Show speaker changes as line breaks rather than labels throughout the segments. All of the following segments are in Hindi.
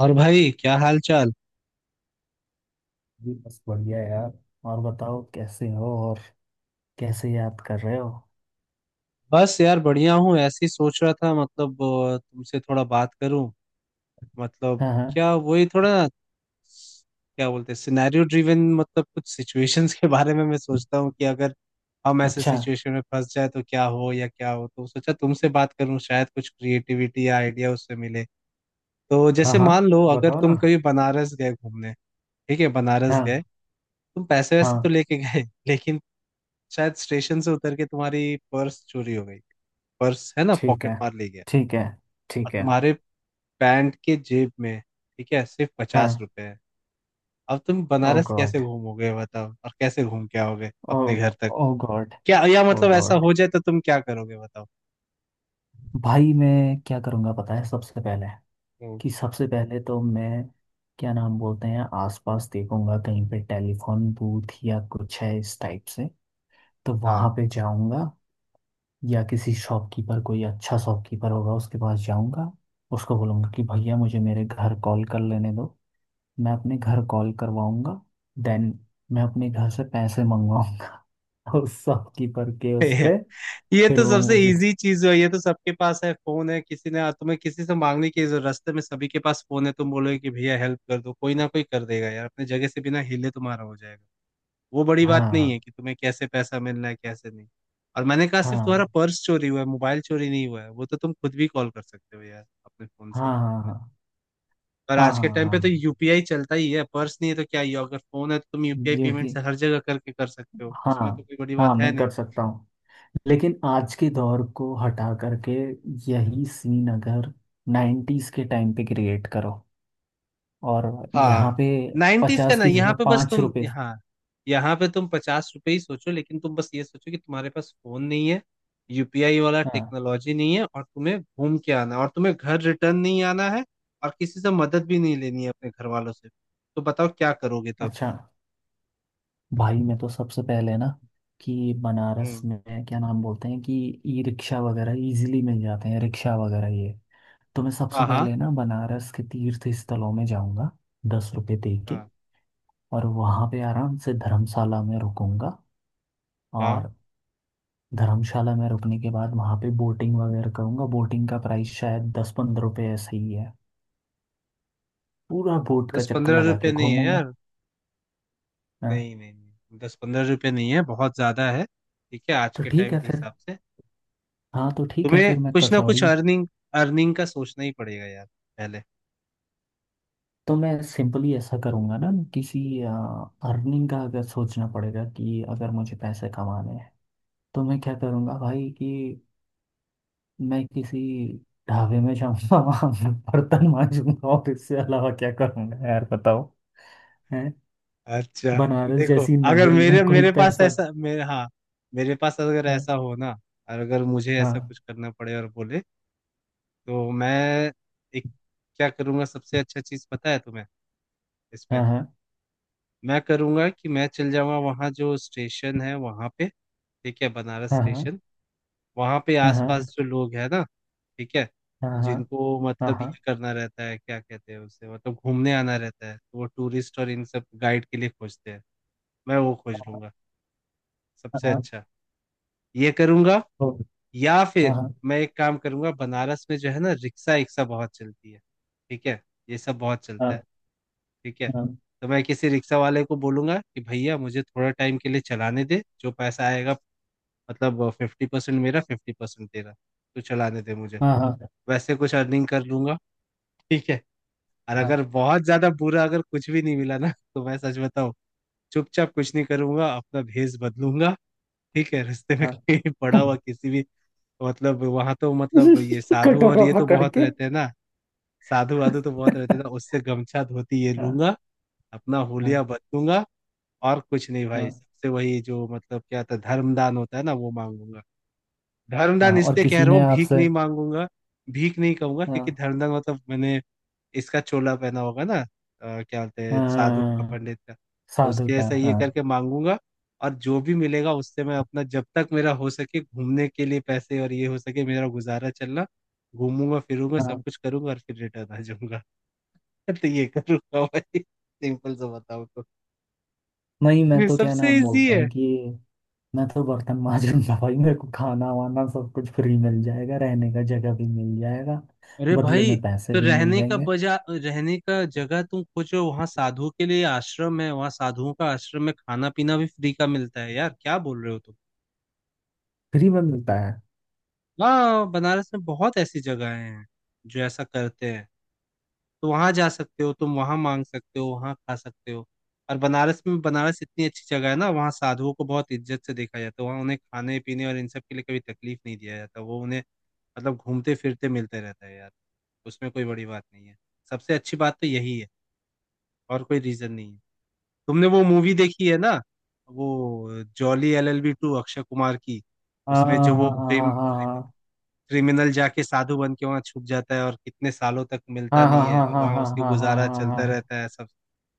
और भाई क्या हाल चाल।
जी बस बढ़िया यार। और बताओ कैसे हो? और कैसे याद कर रहे हो?
बस यार बढ़िया हूँ। ऐसे ही सोच रहा था मतलब तुमसे थोड़ा बात करूं। मतलब
हाँ हाँ।
क्या वही थोड़ा क्या बोलते हैं सिनेरियो ड्रिवन मतलब कुछ सिचुएशंस के बारे में मैं सोचता हूँ कि अगर हम ऐसे
अच्छा।
सिचुएशन में फंस जाए तो क्या हो या क्या हो। तो सोचा तुमसे बात करूं शायद कुछ क्रिएटिविटी या आइडिया उससे मिले। तो
हाँ
जैसे
हाँ,
मान लो अगर
बताओ ना।
तुम कभी बनारस गए घूमने। ठीक है बनारस गए।
हाँ
तुम पैसे वैसे
हाँ,
तो लेके गए लेकिन शायद स्टेशन से उतर के तुम्हारी पर्स चोरी हो गई। पर्स है ना
ठीक
पॉकेट
है,
मार ले गया।
ठीक है,
और
ठीक है।
तुम्हारे पैंट के जेब में ठीक है सिर्फ पचास
हाँ।
रुपए है। अब तुम
ओ
बनारस कैसे
गॉड।
घूमोगे बताओ और कैसे घूम के आओगे
ओ।
अपने घर तक।
ओ गॉड।
क्या या
ओ
मतलब ऐसा
गॉड,
हो जाए तो तुम क्या करोगे बताओ।
भाई मैं क्या करूँगा पता है? सबसे पहले
हम्म,
कि सबसे पहले तो मैं क्या नाम बोलते हैं, आसपास देखूंगा कहीं पे टेलीफोन बूथ या कुछ है इस टाइप से, तो
हाँ।
वहां पे जाऊंगा। या किसी शॉपकीपर, कोई अच्छा शॉपकीपर होगा उसके पास जाऊंगा। उसको बोलूंगा कि भैया मुझे मेरे घर कॉल कर लेने दो। मैं अपने घर कॉल करवाऊंगा। देन मैं अपने घर से पैसे मंगवाऊंगा उस शॉपकीपर के उस पे।
ये
फिर
तो
वो
सबसे
मुझे।
इजी चीज है। ये तो सबके पास है फोन है। किसी ने तुम्हें किसी से मांगने की जरूरत। रास्ते में सभी के पास फोन है। तुम बोलोगे कि भैया हेल्प कर दो कोई ना कोई कर देगा यार। अपने जगह से बिना हिले तुम्हारा हो जाएगा। वो बड़ी बात नहीं
हाँ
है कि तुम्हें कैसे पैसा मिल रहा है कैसे नहीं। और मैंने कहा सिर्फ तुम्हारा
हाँ
पर्स चोरी हुआ है मोबाइल चोरी नहीं हुआ है। वो तो तुम खुद भी कॉल कर सकते हो यार अपने फोन से।
हाँ हाँ हाँ
और
हाँ
आज
हाँ
के
हाँ,
टाइम पे तो
हाँ,
यूपीआई चलता ही है। पर्स नहीं है तो क्या ही है? अगर फोन है तो तुम यूपीआई
ये
पेमेंट
भी।
से हर जगह करके कर सकते हो। उसमें तो
हाँ
कोई बड़ी
हाँ,
बात है
मैं
नहीं।
कर सकता हूँ। लेकिन आज के दौर को हटा करके यही सीन अगर 90s के टाइम पे क्रिएट करो और यहाँ
हाँ।
पे
90s का
50
ना
की
यहाँ
जगह
पे बस
पाँच
तुम
रुपये
यहाँ यहाँ पे तुम 50 रुपए ही सोचो लेकिन तुम बस ये सोचो कि तुम्हारे पास फोन नहीं है यूपीआई वाला
हाँ।
टेक्नोलॉजी नहीं है और तुम्हें घूम के आना है, और तुम्हें घर रिटर्न नहीं आना है। और किसी से मदद भी नहीं लेनी है अपने घर वालों से। तो बताओ क्या करोगे तब।
अच्छा। भाई मैं तो सबसे पहले ना कि बनारस
हम्म।
में क्या नाम बोलते हैं कि ई रिक्शा वगैरह इजीली मिल जाते हैं, रिक्शा वगैरह ये। तो मैं सबसे
हाँ हाँ
पहले ना बनारस के तीर्थ स्थलों में जाऊंगा ₹10 दे के।
हाँ
और वहाँ पे आराम से धर्मशाला में रुकूंगा।
हाँ।
और धर्मशाला में रुकने के बाद वहाँ पे बोटिंग वगैरह करूंगा। बोटिंग का प्राइस शायद ₹10-15 ऐसे ही है। पूरा बोट का
दस
चक्कर
पंद्रह
लगा
रुपए
के
नहीं है
घूमूंगा।
यार।
हाँ,
नहीं नहीं नहीं 10-15 रुपए नहीं है बहुत ज्यादा है। ठीक है आज
तो
के
ठीक
टाइम
है
के
फिर।
हिसाब से।
हाँ, तो ठीक है
तुम्हें
फिर मैं
कुछ ना कुछ
कचौड़ी।
अर्निंग अर्निंग का सोचना ही पड़ेगा यार पहले।
तो मैं सिंपली ऐसा करूँगा ना, किसी। अर्निंग का अगर सोचना पड़ेगा कि अगर मुझे पैसे कमाने हैं, तो मैं क्या करूँगा भाई कि मैं किसी ढाबे में जाऊँगा। वहाँ मैं बर्तन मांजूंगा। और इससे अलावा क्या करूँगा यार बताओ? है।
अच्छा।
बनारस
देखो
जैसी
अगर
नगरी
मेरे
में कोई
मेरे पास
पैसा।
ऐसा मेरे हाँ। मेरे पास अगर
है।
ऐसा हो ना और अगर मुझे ऐसा
हाँ
कुछ करना पड़े और बोले तो मैं एक क्या करूँगा सबसे अच्छा चीज़ पता है तुम्हें
हाँ
इसमें।
हाँ
मैं करूँगा कि मैं चल जाऊँगा वहाँ जो स्टेशन है वहाँ पे। ठीक है बनारस
हाँ
स्टेशन। वहाँ पे
हाँ हाँ
आसपास
हाँ
जो लोग है ना ठीक है
हाँ हाँ
जिनको
हाँ
मतलब ये
हाँ
करना रहता है क्या कहते हैं उसे मतलब घूमने आना रहता है तो वो टूरिस्ट और इन सब गाइड के लिए खोजते हैं। मैं वो खोज लूंगा सबसे
हाँ
अच्छा ये करूंगा। या फिर
हाँ
मैं एक काम करूंगा। बनारस में जो है ना रिक्शा रिक्शा बहुत चलती है। ठीक है ये सब बहुत चलता
हाँ
है ठीक है। तो मैं किसी रिक्शा वाले को बोलूंगा कि भैया मुझे थोड़ा टाइम के लिए चलाने दे जो पैसा आएगा मतलब 50% मेरा 50% तेरा। तो चलाने दे मुझे।
हाँ हाँ हाँ हाँ हाँ,
वैसे कुछ अर्निंग कर लूंगा ठीक है। और अगर बहुत ज्यादा बुरा अगर कुछ भी नहीं मिला ना तो मैं सच बताऊं चुपचाप कुछ नहीं करूंगा अपना भेष बदलूंगा। ठीक है। रास्ते में
हाँ,
कहीं पड़ा हुआ
हाँ,
किसी भी मतलब वहां तो मतलब ये साधु और
कटोरा
ये तो
पकड़
बहुत
के।
रहते हैं ना। साधु वाधु तो बहुत रहते हैं ना उससे गमछा धोती ये
हाँ
लूंगा अपना हुलिया
हाँ
बदलूंगा। और कुछ नहीं भाई
हाँ
सबसे वही जो मतलब क्या था धर्मदान होता है ना वो मांगूंगा। धर्मदान
हाँ, और
इसलिए कह
किसी
रहा
ने
हूँ भीख
आपसे।
नहीं मांगूंगा भीख नहीं कहूंगा क्योंकि
हाँ
धर्मदान मतलब मैंने इसका चोला पहना होगा ना। क्या बोलते हैं साधु का
हाँ,
पंडित का। तो
साधु
उसके
का
जैसा ये
हाँ।
करके मांगूंगा। और जो भी मिलेगा उससे मैं अपना जब तक मेरा हो सके घूमने के लिए पैसे और ये हो सके मेरा गुजारा चलना घूमूंगा फिरूंगा सब
हाँ,
कुछ करूंगा और फिर रिटर्न आ जाऊंगा। तो ये करूंगा भाई सिंपल सा। बताओ तो
नहीं मैं
ये
तो क्या
सबसे
नाम
इजी
बोलते
है।
हैं कि मैं तो बर्तन माज लूंगा भाई, मेरे को खाना वाना सब कुछ फ्री मिल जाएगा, रहने का जगह भी मिल जाएगा।
अरे
बदले
भाई
में पैसे
तो
भी मिल
रहने का
जाएंगे।
बजा रहने का जगह तुम खोजो। वहां साधुओं के लिए आश्रम है वहां साधुओं का आश्रम में खाना पीना भी फ्री का मिलता है यार। क्या बोल रहे हो तुम।
फ्री में मिलता है?
हाँ बनारस में बहुत ऐसी जगहें हैं जो ऐसा करते हैं। तो वहां जा सकते हो तुम वहां मांग सकते हो वहां खा सकते हो। और बनारस में बनारस इतनी अच्छी जगह है ना वहाँ साधुओं को बहुत इज्जत से देखा जाता है। वहाँ उन्हें खाने पीने और इन सब के लिए कभी तकलीफ नहीं दिया जाता। वो उन्हें मतलब घूमते फिरते मिलते रहता है यार। उसमें कोई बड़ी बात नहीं है। सबसे अच्छी बात तो यही है। और कोई रीजन नहीं है। तुमने वो मूवी देखी है ना वो Jolly LLB 2 अक्षय कुमार की।
हाँ
उसमें जो वो
हाँ हाँ
प्रेम
हाँ हाँ
क्रिमिनल जाके साधु बन के वहां छुप जाता है और कितने सालों तक मिलता
हाँ हाँ
नहीं है
हाँ
और
हाँ
वहां
हाँ
उसकी
हाँ
गुजारा
हाँ
चलता
हाँ
रहता है सब।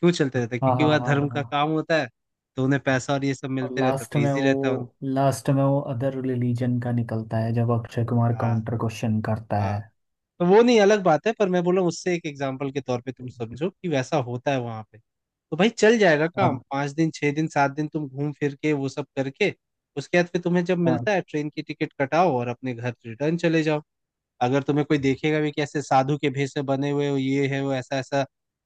क्यों चलते रहता है
हाँ
क्योंकि
हाँ
वह
हाँ हाँ
धर्म
हाँ
का
हाँ।
काम होता है। तो उन्हें पैसा और ये सब
और
मिलते रहता है तो
लास्ट में
इजी
वो,
रहता है उन।
लास्ट में वो अदर रिलीजन का निकलता है जब अक्षय कुमार
हाँ
काउंटर क्वेश्चन करता
हाँ।
है।
तो वो नहीं अलग बात है पर मैं बोला उससे एक एग्जाम्पल के तौर पे तुम समझो कि वैसा होता है वहां पे। तो भाई चल जाएगा काम
हाँ
5 दिन 6 दिन 7 दिन तुम घूम फिर के वो सब करके उसके बाद फिर तुम्हें जब
हाँ
मिलता है ट्रेन की टिकट कटाओ और अपने घर रिटर्न चले जाओ। अगर तुम्हें कोई देखेगा भी कि ऐसे साधु के भेष से बने हुए हो ये है वो ऐसा ऐसा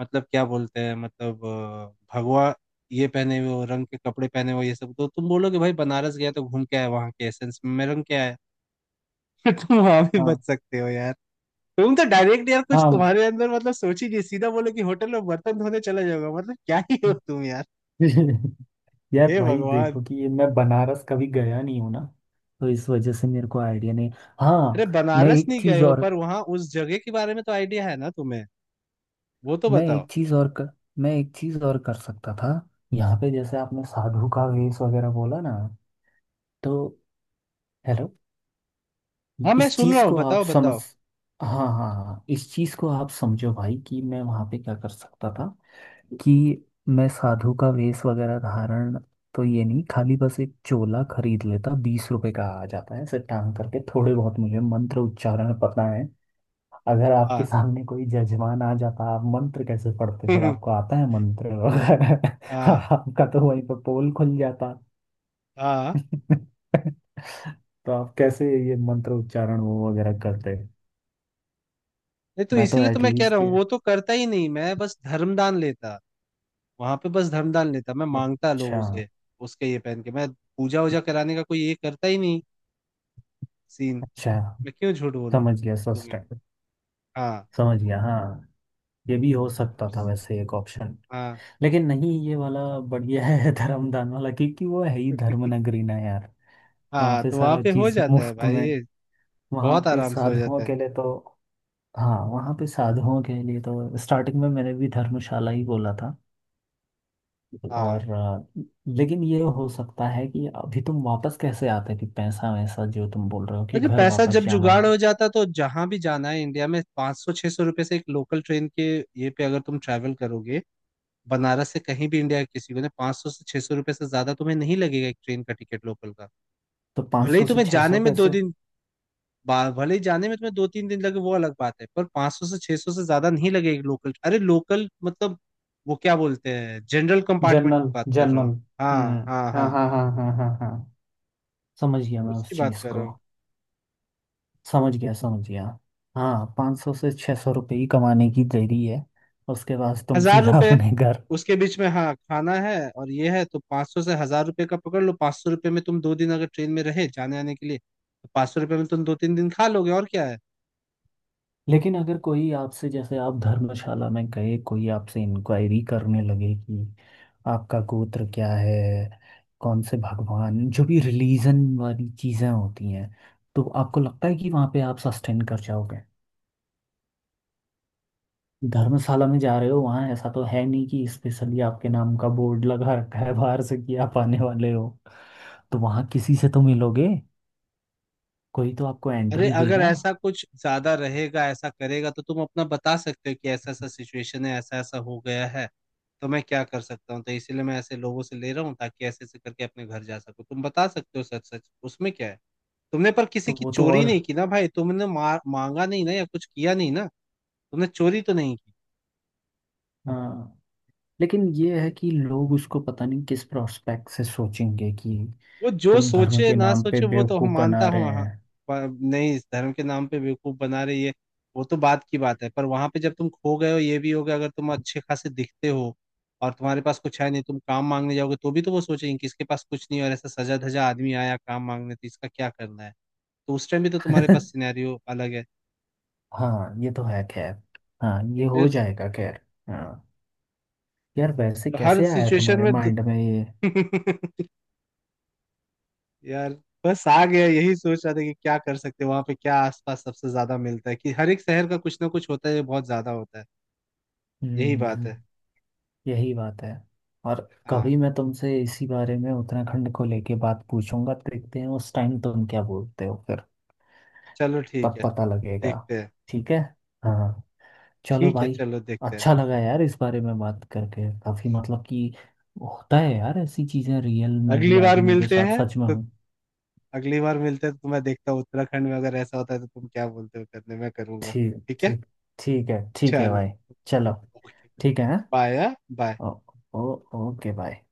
मतलब क्या बोलते हैं मतलब भगवा ये पहने हुए हो रंग के कपड़े पहने हुए हो, ये सब तो तुम बोलोगे भाई बनारस गया तो घूम के आया वहां के एसेंस में रंग क्या है। तुम वहां भी
हाँ
बच सकते हो यार। तुम तो डायरेक्ट यार कुछ
हाँ
तुम्हारे अंदर मतलब सोच ही नहीं सीधा बोलो कि होटल में बर्तन धोने चला जाओगे मतलब क्या ही हो तुम यार।
यार
हे
भाई
भगवान।
देखो कि ये मैं बनारस कभी गया नहीं हूं ना, तो इस वजह से मेरे को आइडिया नहीं।
अरे
हाँ। मैं
बनारस
एक
नहीं गए
चीज
हो
और।
पर वहां उस जगह के बारे में तो आइडिया है ना तुम्हें। वो तो
मैं
बताओ।
एक चीज और कर, मैं एक चीज और कर सकता था। यहाँ पे जैसे आपने साधु का वेश वगैरह बोला ना, तो। हेलो।
हाँ मैं
इस
सुन रहा
चीज
हूँ
को आप
बताओ
समझ।
बताओ।
हाँ हाँ हाँ, इस चीज को आप समझो भाई कि मैं वहां पे क्या कर सकता था कि मैं साधु का वेश वगैरह धारण। तो ये नहीं, खाली बस एक चोला खरीद लेता, ₹20 का आ जाता है ऐसे, टांग करके, थोड़े बहुत मुझे मंत्र उच्चारण पता है। अगर आपके
हाँ।
सामने कोई जजमान आ जाता, आप मंत्र कैसे पढ़ते? फिर आपको आता है मंत्र वगैरह?
हाँ
आपका तो वहीं पर पोल खुल जाता।
हाँ।
तो आप कैसे ये मंत्र उच्चारण वो वगैरह करते?
नहीं तो
मैं तो
इसीलिए तो मैं कह रहा
एटलीस्ट।
हूँ वो तो करता ही नहीं मैं बस धर्मदान लेता। वहां पे बस धर्मदान लेता मैं मांगता
अच्छा।
लोगों से। उसके ये पहन के मैं पूजा वूजा कराने का कोई ये करता ही नहीं सीन।
अच्छा।
मैं क्यों झूठ बोलूं
समझ गया
तुम्हें।
सस्टेन।
हाँ
समझ गया। हाँ, ये भी हो सकता था वैसे एक ऑप्शन।
हाँ।
लेकिन नहीं, ये वाला बढ़िया है धर्मदान वाला क्योंकि वो है ही धर्म नगरी ना यार। वहाँ
हाँ
पे
तो वहां
सारा
पे हो
चीज
जाता है
मुफ्त
भाई
में।
ये।
वहाँ
बहुत
पे
आराम से हो जाता
साधुओं
है।
के लिए तो। हाँ, वहाँ पे साधुओं के लिए तो स्टार्टिंग में मैंने भी धर्मशाला ही बोला था।
हाँ।
और लेकिन ये हो सकता है कि अभी तुम वापस कैसे आते कि पैसा वैसा जो तुम बोल रहे हो कि
अरे
घर
पैसा
वापस
जब
जाना।
जुगाड़ हो जाता है, तो जहां भी जाना है इंडिया में 500-600 रुपए से एक लोकल ट्रेन के ये पे अगर तुम ट्रैवल करोगे बनारस से कहीं भी इंडिया के किसी को ना 500 से 600 रुपये से ज्यादा तुम्हें नहीं लगेगा एक ट्रेन का टिकट लोकल का।
तो
भले ही
500 से
तुम्हें जाने
600
में दो
कैसे?
दिन भले ही जाने में तुम्हें 2-3 दिन लगे वो अलग बात है पर 500 से 600 से ज्यादा नहीं लगेगा लोकल। अरे लोकल मतलब वो क्या बोलते हैं जनरल कंपार्टमेंट की
जनरल
बात कर रहा
जनरल।
हूँ।
हम्म।
हाँ हाँ
हाँ
हाँ
हाँ हाँ हाँ हाँ हाँ, समझ गया मैं उस
उसकी बात
चीज
कर रहा
को।
हूँ।
समझ गया, समझ गया। हाँ, 500 से ₹600 ही कमाने की देरी है। उसके बाद तुम
हजार
सीधा
रुपये
अपने घर।
उसके बीच में हाँ खाना है और ये है तो 500 से 1000 रुपये का पकड़ लो। 500 रुपये में तुम 2 दिन अगर ट्रेन में रहे जाने आने के लिए तो 500 रुपये में तुम 2-3 दिन खा लोगे और क्या है।
लेकिन अगर कोई आपसे, जैसे आप धर्मशाला में गए, कोई आपसे इंक्वायरी करने लगे कि आपका गोत्र क्या है, कौन से भगवान, जो भी रिलीजन वाली चीजें होती हैं, तो आपको लगता है कि वहाँ पे आप सस्टेन कर जाओगे? धर्मशाला में जा रहे हो, वहाँ ऐसा तो है नहीं कि स्पेशली आपके नाम का बोर्ड लगा रखा है बाहर से कि आप आने वाले हो। तो वहाँ किसी से तो मिलोगे। कोई तो आपको
अरे
एंट्री
अगर
देगा।
ऐसा कुछ ज्यादा रहेगा ऐसा करेगा तो तुम अपना बता सकते हो कि ऐसा ऐसा सिचुएशन है ऐसा ऐसा हो गया है। तो मैं क्या कर सकता हूँ तो इसीलिए मैं ऐसे लोगों से ले रहा हूँ ताकि ऐसे ऐसे करके अपने घर जा सको तुम बता सकते हो सच सच उसमें क्या है। तुमने पर किसी
तो
की
वो तो
चोरी
और।
नहीं की ना भाई तुमने मार मांगा नहीं ना या कुछ किया नहीं ना। तुमने चोरी तो नहीं की।
हाँ। लेकिन ये है कि लोग उसको पता नहीं किस प्रोस्पेक्ट से सोचेंगे कि
वो जो
तुम धर्म
सोचे
के
ना
नाम पे
सोचे वो तो हम
बेवकूफ बना
मानता
रहे
हूँ हाँ।
हैं।
पर नहीं इस धर्म के नाम पे बेवकूफ बना रही है। वो तो बात की बात है पर वहां पे जब तुम खो गए हो ये भी हो गया अगर तुम अच्छे खासे दिखते हो और तुम्हारे पास कुछ है नहीं तुम काम मांगने जाओगे तो भी तो वो सोचेंगे कि इसके पास कुछ नहीं है और ऐसा सजा धजा आदमी आया काम मांगने तो इसका क्या करना है। तो उस टाइम भी तो तुम्हारे पास सिनेरियो अलग है।
हाँ, ये तो है खैर। हाँ,
तो
ये हो
फिर।
जाएगा खैर। हाँ, यार वैसे
हर
कैसे आया
सिचुएशन
तुम्हारे
में तो-
माइंड में ये?
यार बस आ गया यही सोच रहा था कि क्या कर सकते हैं वहां पे क्या आसपास सबसे ज्यादा मिलता है कि हर एक शहर का कुछ ना कुछ होता है जो बहुत ज्यादा होता है। यही बात
हम्म,
है।
यही बात है। और
हाँ।
कभी मैं तुमसे इसी बारे में उत्तराखंड को लेके बात पूछूंगा, देखते हैं उस टाइम तुम क्या बोलते हो फिर।
चलो ठीक
तब
है।
पता लगेगा।
देखते हैं।
ठीक है। हाँ, चलो
ठीक है
भाई।
चलो देखते हैं।
अच्छा लगा यार इस बारे में बात करके, काफी मतलब कि होता है यार ऐसी चीजें रियल में भी
अगली बार
आदमियों के
मिलते
साथ,
हैं
सच में
तो
हूँ।
अगली बार मिलते हैं तो मैं देखता हूँ उत्तराखंड में अगर ऐसा होता है तो तुम क्या बोलते हो करने मैं करूंगा।
ठीक।
ठीक है।
ठीक। ठीक है, ठीक है
चलो।
भाई। चलो।
ओके।
ठीक है, हाँ?
Bye bye.
ओ, ओ, ओके भाई।